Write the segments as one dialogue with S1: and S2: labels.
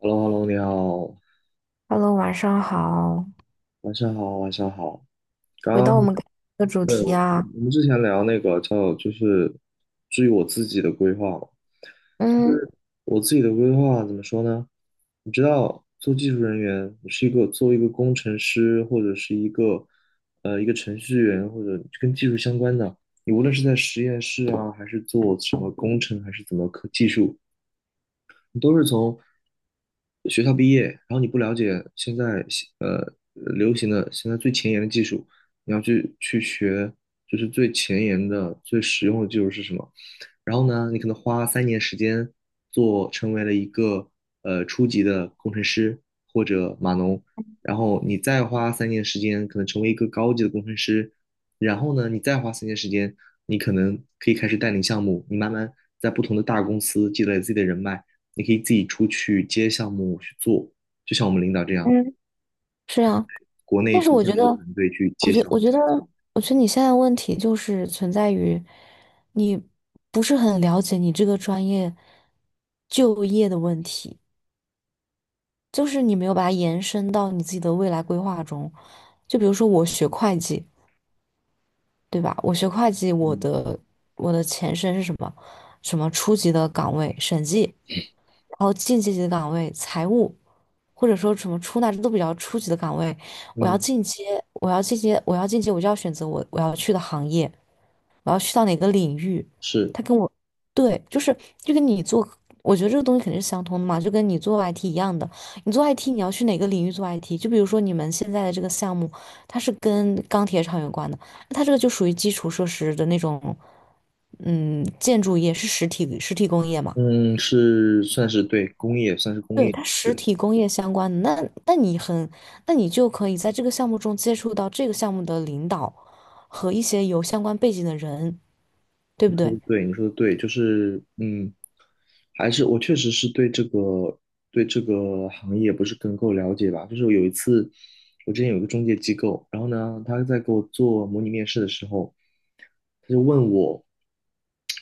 S1: h e l l o h e l l o 你好，
S2: Hello，晚上好。
S1: 晚上好，晚上好。刚
S2: 回到我
S1: 刚
S2: 们刚才的主
S1: 对，
S2: 题啊，
S1: 我们之前聊那个叫就是至于我自己的规划嘛，就
S2: 嗯，
S1: 是我自己的规划怎么说呢？你知道，做技术人员，你是做一个工程师或者是一个程序员或者跟技术相关的，你无论是在实验室啊，还是做什么工程，还是怎么科技术，你都是从学校毕业，然后你不了解现在流行的现在最前沿的技术，你要去学，就是最前沿的、最实用的技术是什么。然后呢，你可能花三年时间成为了一个初级的工程师或者码农，然后你再花三年时间可能成为一个高级的工程师，然后呢，你再花三年时间，你可能可以开始带领项目，你慢慢在不同的大公司积累自己的人脉。你可以自己出去接项目去做，就像我们领导这样，
S2: 嗯，是啊，
S1: 国内
S2: 但是
S1: 组
S2: 我
S1: 建
S2: 觉
S1: 了一
S2: 得，
S1: 个团队去
S2: 我
S1: 接
S2: 觉
S1: 项目。
S2: 我觉得，我觉得你现在的问题就是存在于你不是很了解你这个专业就业的问题，就是你没有把它延伸到你自己的未来规划中。就比如说我学会计，对吧？我学会计，我
S1: 嗯
S2: 的我的前身是什么？什么初级的岗位，审计，然后进阶级的岗位，财务。或者说什么出纳，这都比较初级的岗位。我要
S1: 嗯，
S2: 进阶，我要进阶，我要进阶，我就要选择我要去的行业，我要去到哪个领域。
S1: 是。
S2: 他跟我，对，就是就跟你做，我觉得这个东西肯定是相通的嘛，就跟你做 IT 一样的。你做 IT,你要去哪个领域做 IT?就比如说你们现在的这个项目，它是跟钢铁厂有关的，那它这个就属于基础设施的那种，嗯，建筑业是实体工业嘛。
S1: 嗯是算是对工业，算是工
S2: 对，
S1: 业。
S2: 它
S1: 对，
S2: 实体工业相关的，那那你很，那你就可以在这个项目中接触到这个项目的领导和一些有相关背景的人，对
S1: 你
S2: 不
S1: 说
S2: 对？
S1: 的对，你说的对，就是还是我确实是对这个行业不是更够了解吧。就是有一次，我之前有一个中介机构，然后呢，他在给我做模拟面试的时候，他就问我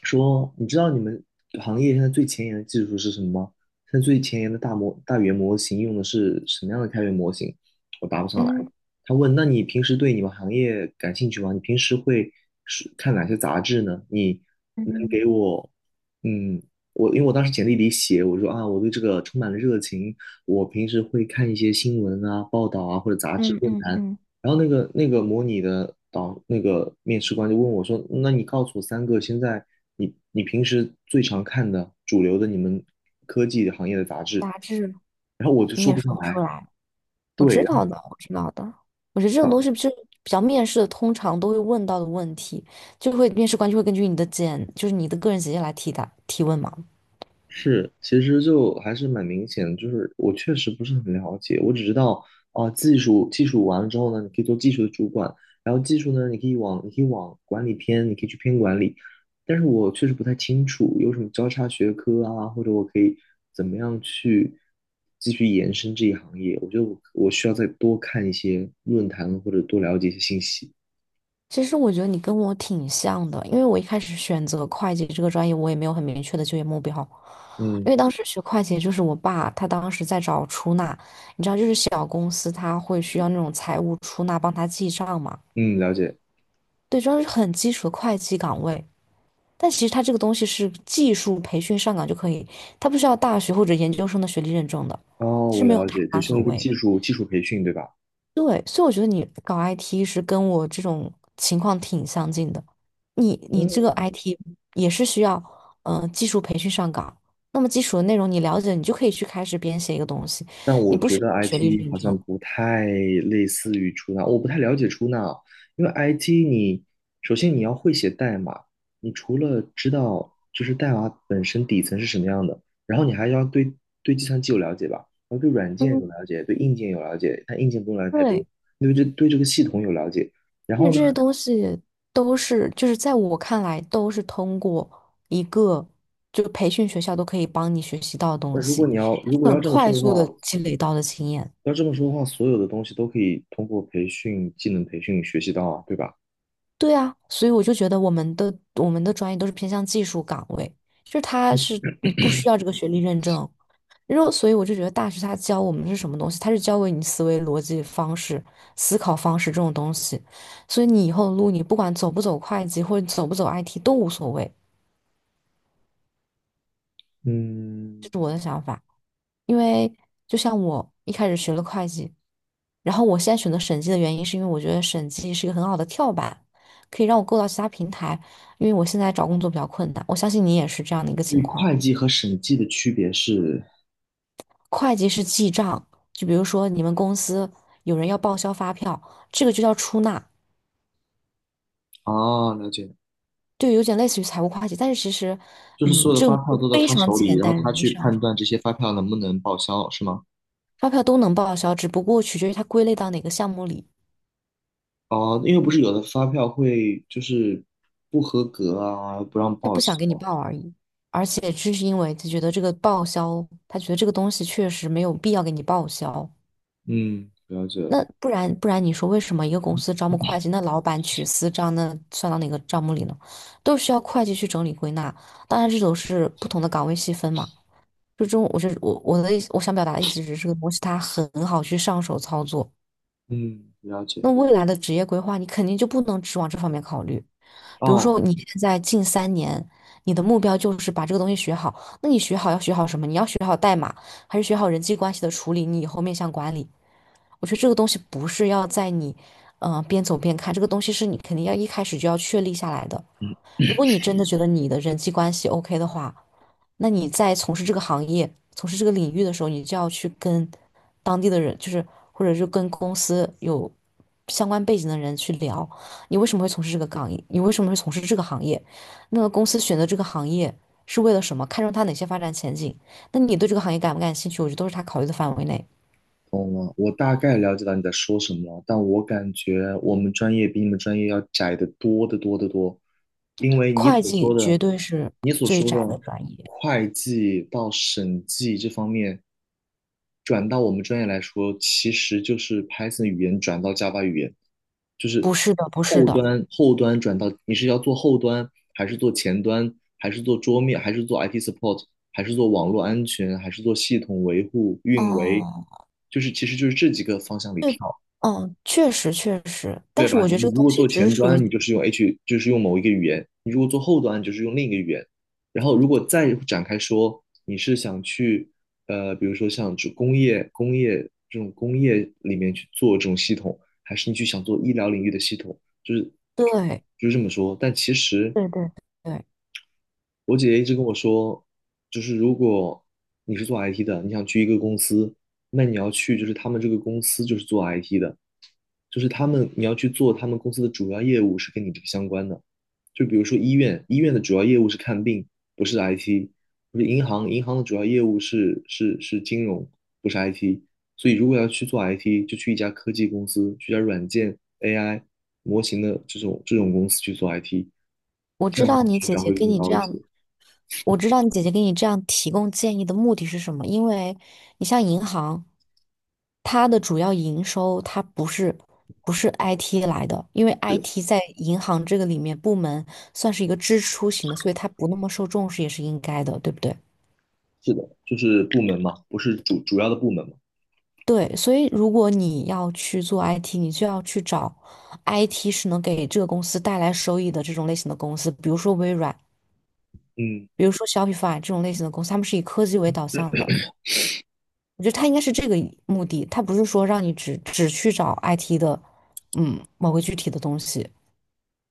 S1: 说："你知道你们行业现在最前沿的技术是什么吗？现在最前沿的大语言模型用的是什么样的开源模型？"我答不上来。
S2: 嗯
S1: 他问："那你平时对你们行业感兴趣吗？你平时会是看哪些杂志呢？你能
S2: 嗯
S1: 给我，嗯，我因为我当时简历里写，我说啊，我对这个充满了热情，我平时会看一些新闻啊、报道啊或者杂志
S2: 嗯
S1: 论
S2: 嗯
S1: 坛。
S2: 嗯，
S1: 然后那个模拟的那个面试官就问我说："那你告诉我三个现在你平时最常看的主流的你们科技行业的杂志。"
S2: 杂志。
S1: 然后我就
S2: 你
S1: 说
S2: 也
S1: 不
S2: 说
S1: 上
S2: 不
S1: 来，
S2: 出来，我
S1: 对。
S2: 知道的，我知道的。我觉得这种东西就是比较面试的，通常都会问到的问题，就会面试官就会根据你的简，就是你的个人简介来提答提问嘛。
S1: 是，其实就还是蛮明显的，就是我确实不是很了解，我只知道啊、技术完了之后呢，你可以做技术的主管，然后技术呢，你可以往管理偏，你可以去偏管理，但是我确实不太清楚有什么交叉学科啊，或者我可以怎么样去继续延伸这一行业，我觉得我需要再多看一些论坛或者多了解一些信息。
S2: 其实我觉得你跟我挺像的，因为我一开始选择会计这个专业，我也没有很明确的就业目标，因
S1: 嗯
S2: 为当时学会计，就是我爸他当时在找出纳，你知道，就是小公司他会需要那种财务出纳帮他记账嘛。
S1: 嗯，了解。
S2: 对，这是很基础的会计岗位，但其实他这个东西是技术培训上岗就可以，他不需要大学或者研究生的学历认证的，
S1: 哦，
S2: 其实
S1: 我
S2: 没有
S1: 了
S2: 太
S1: 解，只
S2: 大
S1: 需要
S2: 所
S1: 一个
S2: 谓。
S1: 技术培训，对吧？
S2: 对，所以我觉得你搞 IT 是跟我这种情况挺相近的。你这
S1: 嗯。
S2: 个 IT 也是需要技术培训上岗，那么基础的内容你了解，你就可以去开始编写一个东西，
S1: 但我
S2: 你不
S1: 觉
S2: 需要
S1: 得
S2: 学历
S1: IT
S2: 认
S1: 好像
S2: 证。
S1: 不太类似于出纳，我不太了解出纳啊，因为 IT 你首先你要会写代码，你除了知道就是代码本身底层是什么样的，然后你还要对计算机有了解吧，然后对软件有
S2: 嗯，
S1: 了解，对硬件有了解，但硬件不用了解太多，
S2: 对，
S1: 对这个系统有了解。然
S2: 因为
S1: 后
S2: 这
S1: 呢，
S2: 些东西都是就是在我看来都是通过一个就培训学校都可以帮你学习到的
S1: 那
S2: 东
S1: 如果
S2: 西，
S1: 你要如果要
S2: 很
S1: 这么说
S2: 快
S1: 的
S2: 速的
S1: 话，
S2: 积累到的经验。
S1: 所有的东西都可以通过培训、技能培训学习到啊，对吧？
S2: 对啊，所以我就觉得我们的专业都是偏向技术岗位，就是它是你不需要这个学历认证，然后所以我就觉得大学他教我们是什么东西，他是教给你思维逻辑方式、思考方式这种东西，所以你以后的路你不管走不走会计或者走不走 IT 都无所谓，
S1: 嗯，
S2: 这是我的想法，因为就像我一开始学了会计，然后我现在选择审计的原因，是因为我觉得审计是一个很好的跳板，可以让我够到其他平台。因为我现在找工作比较困难，我相信你也是这样的一个
S1: 所
S2: 情
S1: 以
S2: 况。
S1: 会计和审计的区别是，
S2: 会计是记账，就比如说你们公司有人要报销发票，这个就叫出纳，
S1: 啊，了解，
S2: 对，有点类似于财务会计，但是其实，
S1: 就是
S2: 嗯，
S1: 所有的
S2: 这
S1: 发
S2: 种
S1: 票
S2: 东西
S1: 都到
S2: 非
S1: 他
S2: 常
S1: 手里，
S2: 简
S1: 然后
S2: 单，容
S1: 他
S2: 易
S1: 去
S2: 上
S1: 判
S2: 手，
S1: 断这些发票能不能报销，是吗？
S2: 发票都能报销，只不过取决于它归类到哪个项目里。
S1: 哦，因为不是有的发票会就是不合格啊，不让
S2: 他
S1: 报
S2: 不想给你
S1: 销。
S2: 报而已，而且这是因为他觉得这个报销，他觉得这个东西确实没有必要给你报销。
S1: 嗯，了解了。
S2: 那不然，你说为什么一个公司招募会计，那老板取私账，那算到哪个账目里呢？都需要会计去整理归纳。当然，这都是不同的岗位细分嘛。就这种，我是我的意思，我想表达的意思是，这个东西它很好去上手操作。
S1: 嗯，了解。
S2: 那未来的职业规划，你肯定就不能只往这方面考虑。比如说
S1: 哦，
S2: 你现在近三年，你的目标就是把这个东西学好，那你学好要学好什么？你要学好代码，还是学好人际关系的处理？你以后面向管理，我觉得这个东西不是要在你，边走边看，这个东西是你肯定要一开始就要确立下来的。如果你真的觉得你的人际关系 OK 的话，那你在从事这个行业、从事这个领域的时候，你就要去跟当地的人，就是或者是跟公司有相关背景的人去聊，你为什么会从事这个岗业？你为什么会从事这个行业？那个公司选择这个行业是为了什么？看中它哪些发展前景？那你对这个行业感不感兴趣？我觉得都是他考虑的范围内。
S1: 懂了，我大概了解到你在说什么了，但我感觉我们专业比你们专业要窄得多得多得多，因为你
S2: 会
S1: 所说
S2: 计
S1: 的，
S2: 绝对是
S1: 你所
S2: 最
S1: 说
S2: 窄的
S1: 的
S2: 专业，
S1: 会计到审计这方面，转到我们专业来说，其实就是 Python 语言转到 Java 语言，就是
S2: 不是的，不是
S1: 后
S2: 的。
S1: 端后端转到你是要做后端，还是做前端，还是做桌面，还是做 IT support，还是做网络安全，还是做系统维护、运维，
S2: 哦，
S1: 就是其实就是这几个方向里
S2: 对，
S1: 跳。
S2: 嗯，确实确实，但
S1: 对
S2: 是
S1: 吧？
S2: 我觉得这
S1: 你
S2: 个
S1: 如
S2: 东
S1: 果
S2: 西
S1: 做
S2: 只是
S1: 前
S2: 属于
S1: 端，你就是用 H，就是用某一个语言；你如果做后端，就是用另一个语言。然后，如果再展开说，你是想去，比如说像这工业这种工业里面去做这种系统，还是你去想做医疗领域的系统，就是
S2: 对
S1: 就是这么说。但其实
S2: 对对对，
S1: 我姐姐一直跟我说，就是如果你是做 IT 的，你想去一个公司，那你要去就是他们这个公司就是做 IT 的，就是他们你要去做他们公司的主要业务是跟你这个相关的，就比如说医院，医院的主要业务是看病，不是 IT，不是银行，银行的主要业务是金融，不是 IT。所以如果要去做 IT，就去一家科技公司，去一家软件 AI 模型的这种公司去做 IT，
S2: 我
S1: 这
S2: 知
S1: 样的
S2: 道
S1: 话
S2: 你
S1: 成
S2: 姐
S1: 长
S2: 姐
S1: 会
S2: 跟
S1: 更
S2: 你这
S1: 高一些。
S2: 样，我知道你姐姐给你这样提供建议的目的是什么，因为你像银行，它的主要营收它不是 IT 来的，因为
S1: 对，
S2: IT 在银行这个里面部门算是一个支出型的，所以它不那么受重视也是应该的，对不对？
S1: 是的，就是部门嘛，不是主要的部门嘛。
S2: 对，所以如果你要去做 IT,你就要去找 IT 是能给这个公司带来收益的这种类型的公司，比如说微软，
S1: 嗯
S2: 比如说 Shopify 这种类型的公司，他们是以科技为导向的。我觉得它应该是这个目的，它不是说让你只去找 IT 的，嗯，某个具体的东西。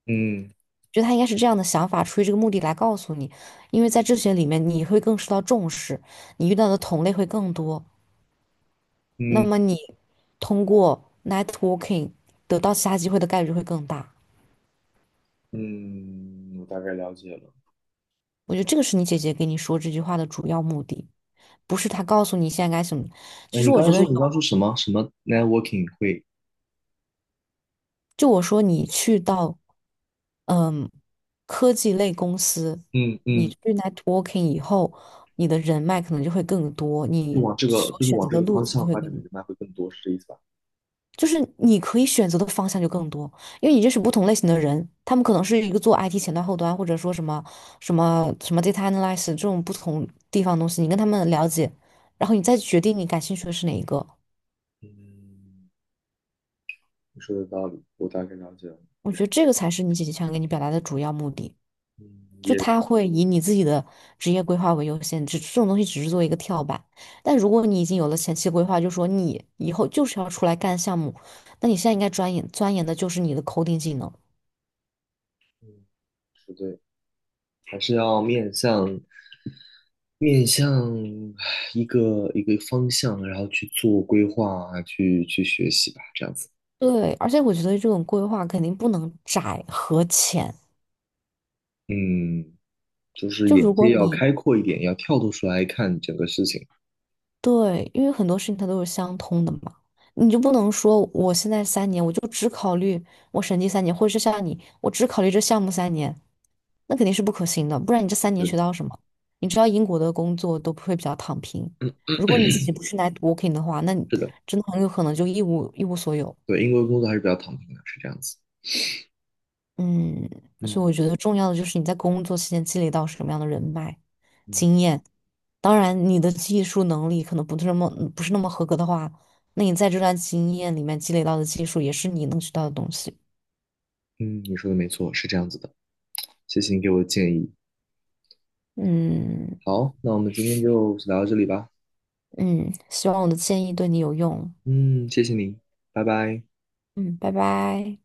S1: 嗯
S2: 觉得他应该是这样的想法，出于这个目的来告诉你，因为在这些里面你会更受到重视，你遇到的同类会更多。那
S1: 嗯
S2: 么你通过 networking 得到其他机会的概率会更大。
S1: 嗯，我大概了解了。
S2: 我觉得这个是你姐姐给你说这句话的主要目的，不是她告诉你现在该什么。
S1: 哎，
S2: 其实
S1: 你
S2: 我
S1: 刚
S2: 觉
S1: 刚
S2: 得
S1: 说
S2: 有，
S1: 你刚刚说什么什么 networking 会，
S2: 就我说你去到嗯科技类公司，
S1: 嗯
S2: 你去
S1: 嗯
S2: networking 以后，你的人脉可能就会更多，
S1: 就
S2: 你
S1: 往这个
S2: 所
S1: 就是
S2: 选
S1: 往
S2: 择
S1: 这
S2: 的
S1: 个
S2: 路
S1: 方
S2: 径就
S1: 向
S2: 会
S1: 发
S2: 更
S1: 展的
S2: 多。
S1: 人脉会更多，是这意思吧？
S2: 就是你可以选择的方向就更多，因为你认识不同类型的人，他们可能是一个做 IT 前端、后端，或者说什么 data analysis 这种不同地方的东西，你跟他们了解，然后你再决定你感兴趣的是哪一个。
S1: 嗯你说的道理，我大概了解了。
S2: 我觉得这个才是你姐姐想给你表达的主要目的，
S1: 嗯
S2: 就
S1: 也
S2: 他会以你自己的职业规划为优先，只这种东西只是做一个跳板。但如果你已经有了前期规划，就说你以后就是要出来干项目，那你现在应该钻研的就是你的 coding 技能。
S1: 嗯，是对，还是要面向一个方向，然后去做规划啊，去学习吧，这样子。
S2: 对，而且我觉得这种规划肯定不能窄和浅。
S1: 嗯，就是
S2: 就如
S1: 眼
S2: 果
S1: 界要
S2: 你
S1: 开阔一点，要跳脱出来看整个事情。
S2: 对，因为很多事情它都是相通的嘛，你就不能说我现在三年我就只考虑我审计三年，或者是像你，我只考虑这项目三年，那肯定是不可行的。不然你这三年学
S1: 是，
S2: 到什么？你知道英国的工作都会比较躺平，
S1: 的，
S2: 如果你自己不是来 networking 的话，那你
S1: 是的，
S2: 真的很有可能就一无所有。
S1: 对，英国工作还是比较躺平的，是这样子。
S2: 嗯，所以
S1: 嗯。
S2: 我觉得重要的就是你在工作期间积累到什么样的人脉、
S1: 嗯
S2: 经验。当然，你的技术能力可能不是那么合格的话，那你在这段经验里面积累到的技术也是你能学到的东西。
S1: 嗯，你说的没错，是这样子的。谢谢你给我的建议。
S2: 嗯
S1: 好，那我们今天就聊到这里吧。
S2: 嗯，希望我的建议对你有用。
S1: 嗯，谢谢你，拜拜。
S2: 嗯，拜拜。